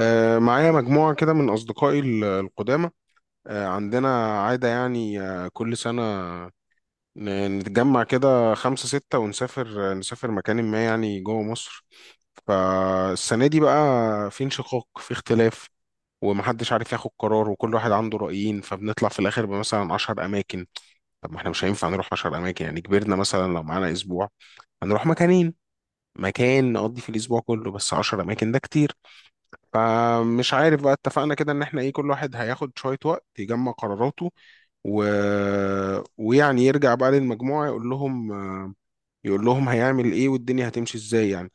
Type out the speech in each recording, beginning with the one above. معايا مجموعة كده من أصدقائي القدامى. عندنا عادة يعني كل سنة، نتجمع كده خمسة ستة ونسافر، نسافر مكان ما يعني جوه مصر. فالسنة دي بقى في انشقاق، في اختلاف، ومحدش عارف ياخد قرار، وكل واحد عنده رأيين، فبنطلع في الآخر بمثلا 10 أماكن. طب ما احنا مش هينفع نروح 10 أماكن يعني، كبرنا، مثلا لو معانا أسبوع هنروح مكانين، مكان نقضي في الأسبوع كله، بس 10 أماكن ده كتير. فمش عارف، بقى اتفقنا كده ان احنا ايه، كل واحد هياخد شوية وقت يجمع قراراته و... ويعني يرجع بقى للمجموعة يقول لهم هيعمل ايه والدنيا هتمشي ازاي يعني.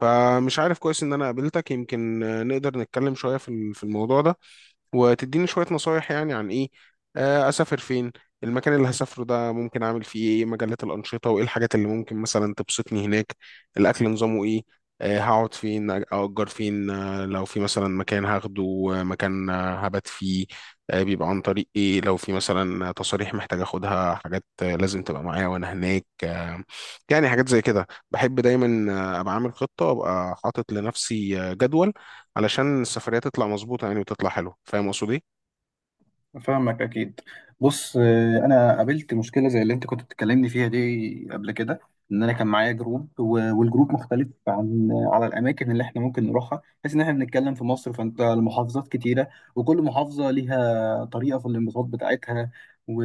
فمش عارف، كويس ان انا قابلتك، يمكن نقدر نتكلم شوية في الموضوع ده، وتديني شوية نصايح يعني، عن إيه، أسافر فين، المكان اللي هسافره ده ممكن أعمل فيه إيه، مجالات الأنشطة، وإيه الحاجات اللي ممكن مثلا تبسطني هناك، الأكل نظامه إيه، هقعد فين، أأجر فين، لو في مثلا مكان هاخده، مكان هبات فيه، بيبقى عن طريق إيه، لو في مثلا تصاريح محتاج أخدها، حاجات لازم تبقى معايا وأنا هناك يعني حاجات زي كده بحب دايما أبقى عامل خطة، أبقى حاطط لنفسي جدول، علشان السفرية تطلع مظبوطة يعني، وتطلع حلوة. فاهم قصدي؟ فاهمك اكيد. بص، انا قابلت مشكله زي اللي انت كنت بتكلمني فيها دي قبل كده. ان انا كان معايا جروب و- والجروب مختلف عن على الاماكن اللي احنا ممكن نروحها، بحيث ان احنا بنتكلم في مصر، فانت المحافظات كتيره، وكل محافظه ليها طريقه في الانبساط بتاعتها. و...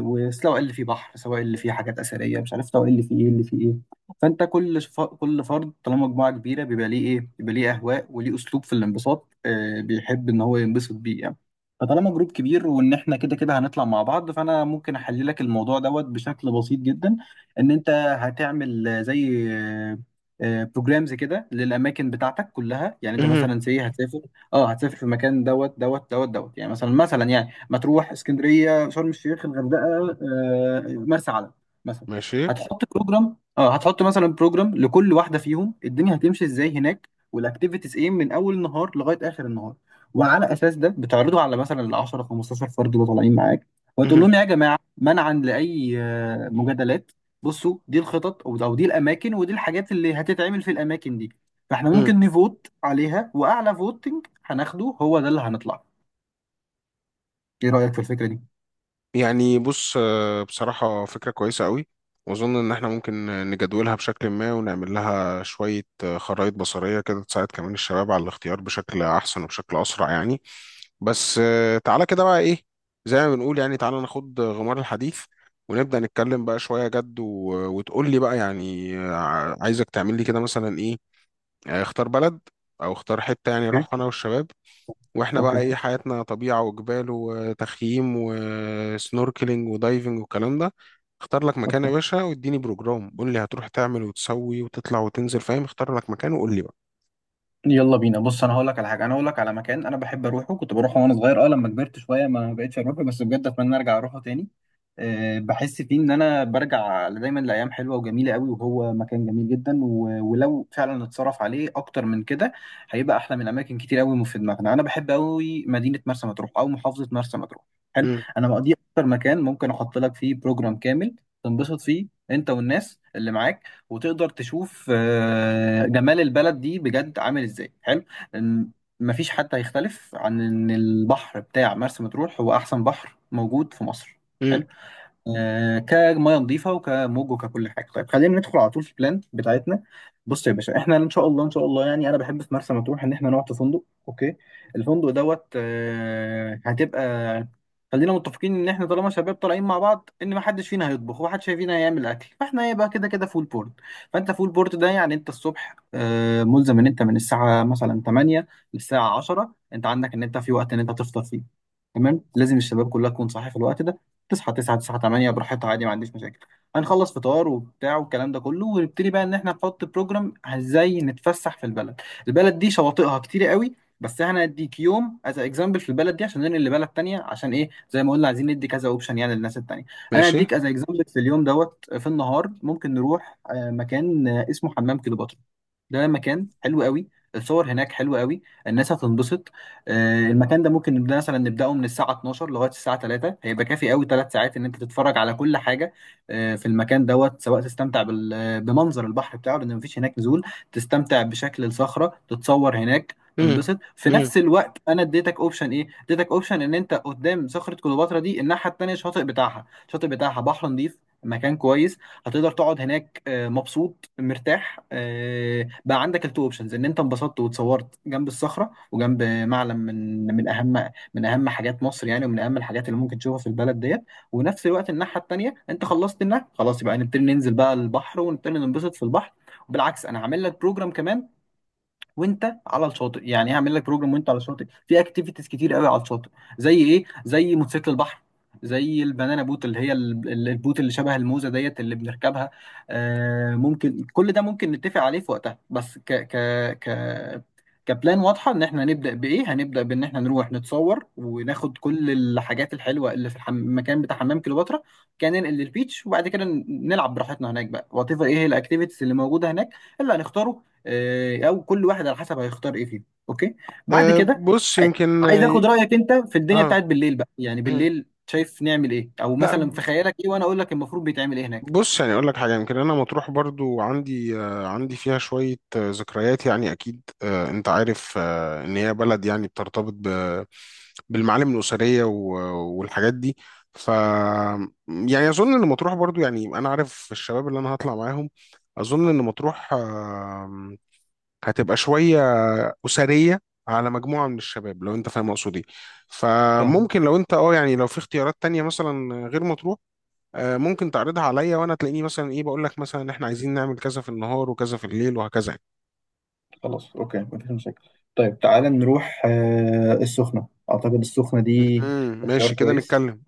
وسواء اللي فيه بحر، سواء اللي فيه حاجات اثريه مش عارف، سواء اللي فيه ايه اللي فيه ايه. فانت كل فرد طالما مجموعه كبيره بيبقى ليه اهواء وليه اسلوب في الانبساط، بيحب ان هو ينبسط بيه يعني. فطالما جروب كبير وان احنا كده كده هنطلع مع بعض، فانا ممكن احلل لك الموضوع دوت بشكل بسيط جدا. ان انت هتعمل زي بروجرامز كده للاماكن بتاعتك كلها. يعني انت مهم. مثلا سي هتسافر، اه هتسافر في مكان دوت دوت دوت دوت، يعني مثلا يعني مطروح، اسكندريه، شرم الشيخ، الغردقه، مرسى علم مثلا. ماشي. هتحط بروجرام، هتحط مثلا بروجرام لكل واحده فيهم الدنيا هتمشي ازاي هناك والاكتيفيتيز ايه من اول النهار لغايه اخر النهار. وعلى اساس ده بتعرضه على مثلا ال 10 15 فرد اللي طالعين معاك، وتقول مهم. لهم يا جماعه منعا لاي مجادلات، بصوا دي الخطط او دي الاماكن، ودي الحاجات اللي هتتعمل في الاماكن دي. فاحنا مم. ممكن نفوت عليها واعلى فوتنج هناخده هو ده اللي هنطلع. ايه رايك في الفكره دي؟ يعني بص، بصراحة فكرة كويسة قوي، وأظن إن إحنا ممكن نجدولها بشكل ما، ونعمل لها شوية خرائط بصرية كده، تساعد كمان الشباب على الاختيار بشكل أحسن وبشكل أسرع يعني. بس تعالى كده بقى إيه، زي ما بنقول يعني، تعالى ناخد غمار الحديث، ونبدأ نتكلم بقى شوية جد وتقول لي بقى، يعني عايزك تعمل لي كده مثلا إيه، يعني اختار بلد، او اختار حته، يعني اوكي، نروح انا والشباب، واحنا بقى اوكي، ايه، حياتنا طبيعه وجبال وتخييم وسنوركلينج ودايفنج والكلام ده. اختار لك مكان اوكي. يا باشا، واديني بروجرام، قول لي هتروح تعمل وتسوي وتطلع وتنزل، فاهم؟ اختار لك مكان وقول لي بقى. يلا بينا. بص، انا هقول لك على حاجه، انا هقول لك على مكان انا بحب اروحه، كنت بروحه وانا صغير. اه لما كبرت شويه ما بقتش اروحه، بس بجد اتمنى ارجع اروحه تاني. أه بحس فيه ان انا برجع دايما لايام حلوه وجميله قوي، وهو مكان جميل جدا. و- ولو فعلا اتصرف عليه اكتر من كده، هيبقى احلى من اماكن كتير قوي في دماغنا. انا بحب قوي مدينه مرسى مطروح او محافظه مرسى مطروح. حلو. امم. انا مقضي اكتر مكان ممكن احط لك فيه بروجرام كامل تنبسط فيه انت والناس اللي معاك، وتقدر تشوف جمال البلد دي بجد عامل ازاي. حلو. إن مفيش حد هيختلف عن ان البحر بتاع مرسى مطروح هو احسن بحر موجود في مصر. امم. حلو. كميه نظيفه وكموج وككل حاجه. طيب، خلينا ندخل على طول في البلان بتاعتنا. بص يا باشا، احنا ان شاء الله ان شاء الله يعني انا بحب في مرسى مطروح ان احنا نقعد في فندق. اوكي، الفندق دوت هتبقى، خلينا متفقين ان احنا طالما شباب طالعين مع بعض ان ما حدش فينا هيطبخ ومحدش فينا هيعمل اكل، فاحنا هيبقى كده كده فول بورد. فانت فول بورد ده يعني انت الصبح ملزم ان انت من الساعه مثلا 8 للساعه 10 انت عندك ان انت في وقت ان انت تفطر فيه. تمام، لازم الشباب كلها تكون صاحيه في الوقت ده. تصحى 9، 9، 8 براحتها عادي، ما عنديش مشاكل. هنخلص فطار وبتاع والكلام ده كله، ونبتدي بقى ان احنا نحط بروجرام ازاي نتفسح في البلد. البلد دي شواطئها كتير قوي، بس احنا هنديك يوم از اكزامبل في البلد دي عشان ننقل لبلد تانية، عشان ايه؟ زي ما قلنا عايزين ندي كذا اوبشن يعني للناس التانية. انا ماشي. هديك از اكزامبل في اليوم دوت. في النهار ممكن نروح مكان اسمه حمام كليوباترا. ده مكان حلو قوي، الصور هناك حلوة قوي، الناس هتنبسط. المكان ده ممكن نبدأ مثلا نبدأه من الساعة 12 لغاية الساعة 3، هيبقى كافي قوي 3 ساعات ان انت تتفرج على كل حاجة. في المكان دوت، سواء تستمتع بال- آه، بمنظر البحر بتاعه لان مفيش هناك نزول، تستمتع بشكل الصخرة، تتصور هناك، امم. تنبسط. في امم. نفس الوقت انا اديتك اوبشن ايه، اديتك اوبشن ان انت قدام صخرة كليوباترا دي، الناحية التانية الشاطئ بتاعها، الشاطئ بتاعها بحر نظيف، مكان كويس، هتقدر تقعد هناك مبسوط مرتاح. بقى عندك التو اوبشنز، ان انت انبسطت واتصورت جنب الصخره وجنب معلم من اهم حاجات مصر يعني، ومن اهم الحاجات اللي ممكن تشوفها في البلد ديت. ونفس الوقت الناحيه التانيه انت خلصت النهر خلاص، يبقى نبتدي ننزل بقى البحر ونبتدي ننبسط في البحر. وبالعكس انا عامل لك بروجرام كمان وانت على الشاطئ، يعني هعمل لك بروجرام وانت على الشاطئ في اكتيفيتيز كتير قوي على الشاطئ. زي ايه؟ زي موتوسيكل البحر، زي البنانا بوت اللي هي البوت اللي شبه الموزه ديت اللي بنركبها. آه ممكن كل ده ممكن نتفق عليه في وقتها، بس ك ك ك كبلان واضحه ان احنا هنبدا بايه. هنبدا بان احنا نروح نتصور وناخد كل الحاجات الحلوه اللي في المكان بتاع حمام كليوباترا. كان ننقل للبيتش، وبعد كده نلعب براحتنا هناك بقى وات ايفر ايه هي الاكتيفيتيز اللي موجوده هناك اللي هنختاره، او كل واحد على حسب هيختار ايه فيهم. اوكي، بعد أه، كده بص عاي- يمكن. عايز اخد رايك انت في الدنيا اه. بتاعت بالليل بقى. يعني مم. بالليل شايف نعمل ايه، او لا، مثلا في خيالك ايه وانا اقول لك المفروض بيتعمل ايه هناك. بص يعني اقول لك حاجه، يمكن انا مطروح برضو عندي فيها شويه ذكريات يعني، اكيد انت عارف ان هي بلد يعني بترتبط بالمعالم الاسريه، والحاجات دي. ف يعني اظن ان مطروح برضو يعني، انا عارف الشباب اللي انا هطلع معاهم، اظن ان مطروح هتبقى شويه اسريه على مجموعه من الشباب، لو انت فاهم اقصد ايه. تمام، فممكن لو انت يعني، لو في اختيارات تانية مثلا غير مطروح، ممكن تعرضها عليا، وانا تلاقيني مثلا ايه، بقول لك مثلا ان احنا عايزين نعمل كذا في النهار وكذا في الليل وهكذا يعني. خلاص اوكي مفيش مشاكل. طيب تعالى نروح السخنة. اعتقد السخنة دي امم. اختيار ماشي كده كويس. نتكلم.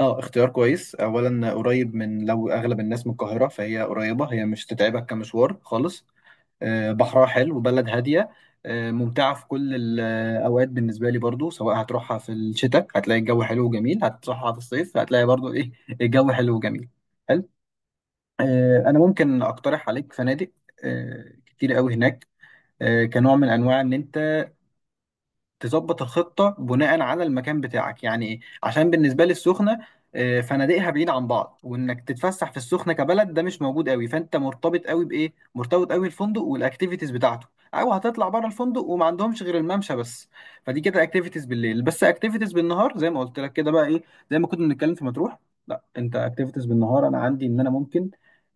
اه اختيار كويس، اولا قريب من، لو اغلب الناس من القاهرة فهي قريبة، هي مش تتعبك كمشوار خالص. بحرها حلو، بلد هادية، ممتعة في كل الأوقات بالنسبة لي برضو، سواء هتروحها في الشتاء هتلاقي الجو حلو وجميل، هتروحها في الصيف هتلاقي برضو إيه، الجو حلو وجميل. حلو. أنا ممكن أقترح عليك فنادق كتير قوي هناك، كنوع من أنواع إن أنت تظبط الخطة بناء على المكان بتاعك، يعني ايه؟ عشان بالنسبة لي السخنة فنادقها بعيد عن بعض، وانك تتفسح في السخنة كبلد ده مش موجود قوي. فانت مرتبط قوي بايه؟ مرتبط قوي الفندق والاكتيفيتيز بتاعته، او هتطلع بره الفندق وما عندهمش غير الممشى بس. فدي كده اكتيفيتيز بالليل بس، اكتيفيتيز بالنهار زي ما قلت لك كده بقى ايه، زي ما كنا بنتكلم في مطروح. لا انت اكتيفيتيز بالنهار انا عندي ان انا ممكن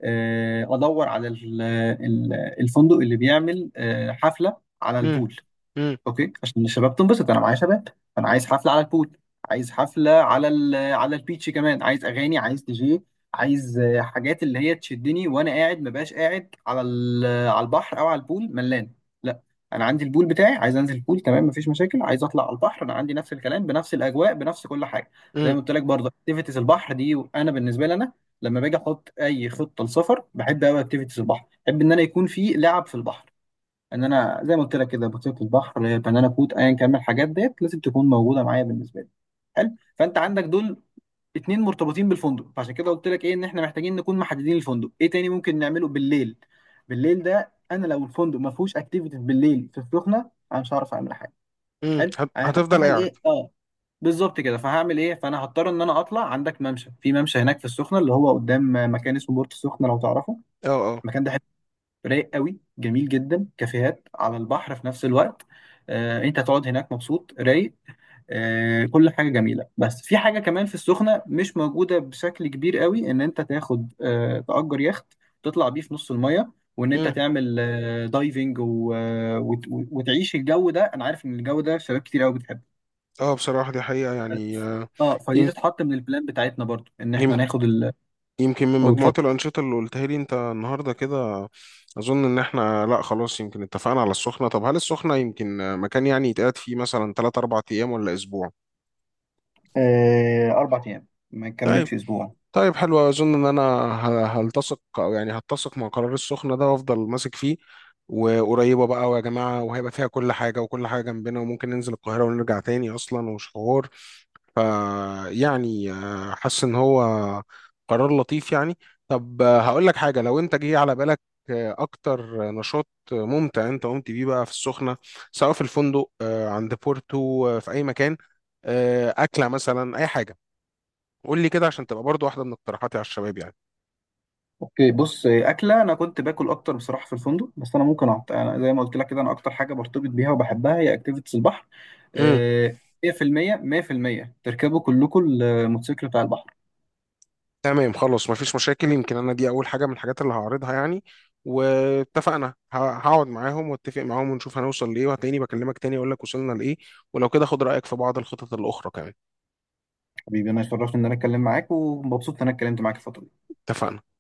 ادور على ال- الفندق اللي بيعمل حفلة على امم. البول. امم. اوكي، عشان الشباب تنبسط انا معايا شباب. انا عايز حفله على البول، عايز حفله على ال على البيتش كمان، عايز اغاني، عايز دي جي، عايز حاجات اللي هي تشدني وانا قاعد. ما بقاش قاعد على على البحر او على البول ملان، لا. انا عندي البول بتاعي، عايز انزل البول تمام مفيش مشاكل، عايز اطلع على البحر انا عندي نفس الكلام بنفس الاجواء بنفس كل حاجه. زي امم. ما قلت لك برضه اكتيفيتيز البحر دي، انا بالنسبه لي انا لما باجي احط اي خطه لسفر، بحب قوي اكتيفيتيز البحر، بحب ان انا يكون في لعب في البحر. ان انا زي ما قلت لك كده بطيخه البحر بنانا كوت ايا كان من الحاجات ديت لازم تكون موجوده معايا بالنسبه لي. حلو. فانت عندك دول اتنين مرتبطين بالفندق، فعشان كده قلت لك ايه ان احنا محتاجين نكون محددين الفندق. ايه تاني ممكن نعمله بالليل؟ بالليل ده انا لو الفندق ما فيهوش اكتيفيتيز بالليل في السخنه انا مش هعرف اعمل حاجه. امم. حلو، انا هتفضل هتعمل قاعد. ايه اه. بالظبط كده. فهعمل ايه؟ فانا هضطر ان انا اطلع عندك ممشى، في ممشى هناك في السخنه اللي هو قدام مكان اسمه بورت السخنه لو تعرفه. اه. اه. المكان ده رايق قوي، جميل جدا، كافيهات على البحر في نفس الوقت. انت هتقعد هناك مبسوط رايق، كل حاجه جميله. بس في حاجه كمان في السخنه مش موجوده بشكل كبير قوي، ان انت تاخد تأجر يخت، تطلع بيه في نص الميه وان انت امم. تعمل دايفنج و- آه، وت- وتعيش الجو ده. انا عارف ان الجو ده شباب كتير قوي بتحبه. اه، بصراحة دي حقيقة يعني اه فدي يم- تتحط من البلان بتاعتنا برضو ان يم- احنا ناخد يمكن من أو مجموعة تفضل. الأنشطة اللي قلتها لي أنت النهاردة كده، أظن إن إحنا لأ، خلاص يمكن اتفقنا على السخنة. طب هل السخنة يمكن مكان يعني يتقعد فيه مثلا تلات أربع أيام، ولا أسبوع؟ اربع ايام ما طيب. نكملش اسبوع. طيب، حلو، اظن ان انا هلتصق، او يعني هتسق مع قرار السخنه ده، وافضل ماسك فيه، وقريبه بقى ويا جماعه، وهيبقى فيها كل حاجه، وكل حاجه جنبنا، وممكن ننزل القاهره ونرجع تاني اصلا، ومش حوار. ف يعني حاسس ان هو قرار لطيف يعني. طب هقول لك حاجه، لو انت جه على بالك اكتر نشاط ممتع انت قمت بيه بقى في السخنه، سواء في الفندق، عند بورتو، في اي مكان، اكله مثلا، اي حاجه، قول لي كده عشان تبقى برضو واحدة من اقتراحاتي على الشباب يعني. اوكي بص، اكله انا كنت باكل اكتر بصراحه في الفندق. بس انا ممكن أنا زي ما قلت لك كده انا اكتر حاجه برتبط بيها وبحبها هي اكتيفيتيز البحر. امم. آه، 100% 100% تركبوا كلكم الموتوسيكل بتاع البحر. تمام. خلاص مفيش مشاكل، يمكن انا دي اول حاجة من الحاجات اللي هعرضها يعني. واتفقنا. هقعد معاهم واتفق معاهم ونشوف هنوصل لايه، وهتلاقيني بكلمك تاني اقول لك وصلنا لايه، ولو كده خد رأيك في بعض الخطط الأخرى كمان. حبيبي انا اتشرفت ان انا اتكلم معاك ومبسوط ان انا اتكلمت معاك الفتره دي. اتفقنا.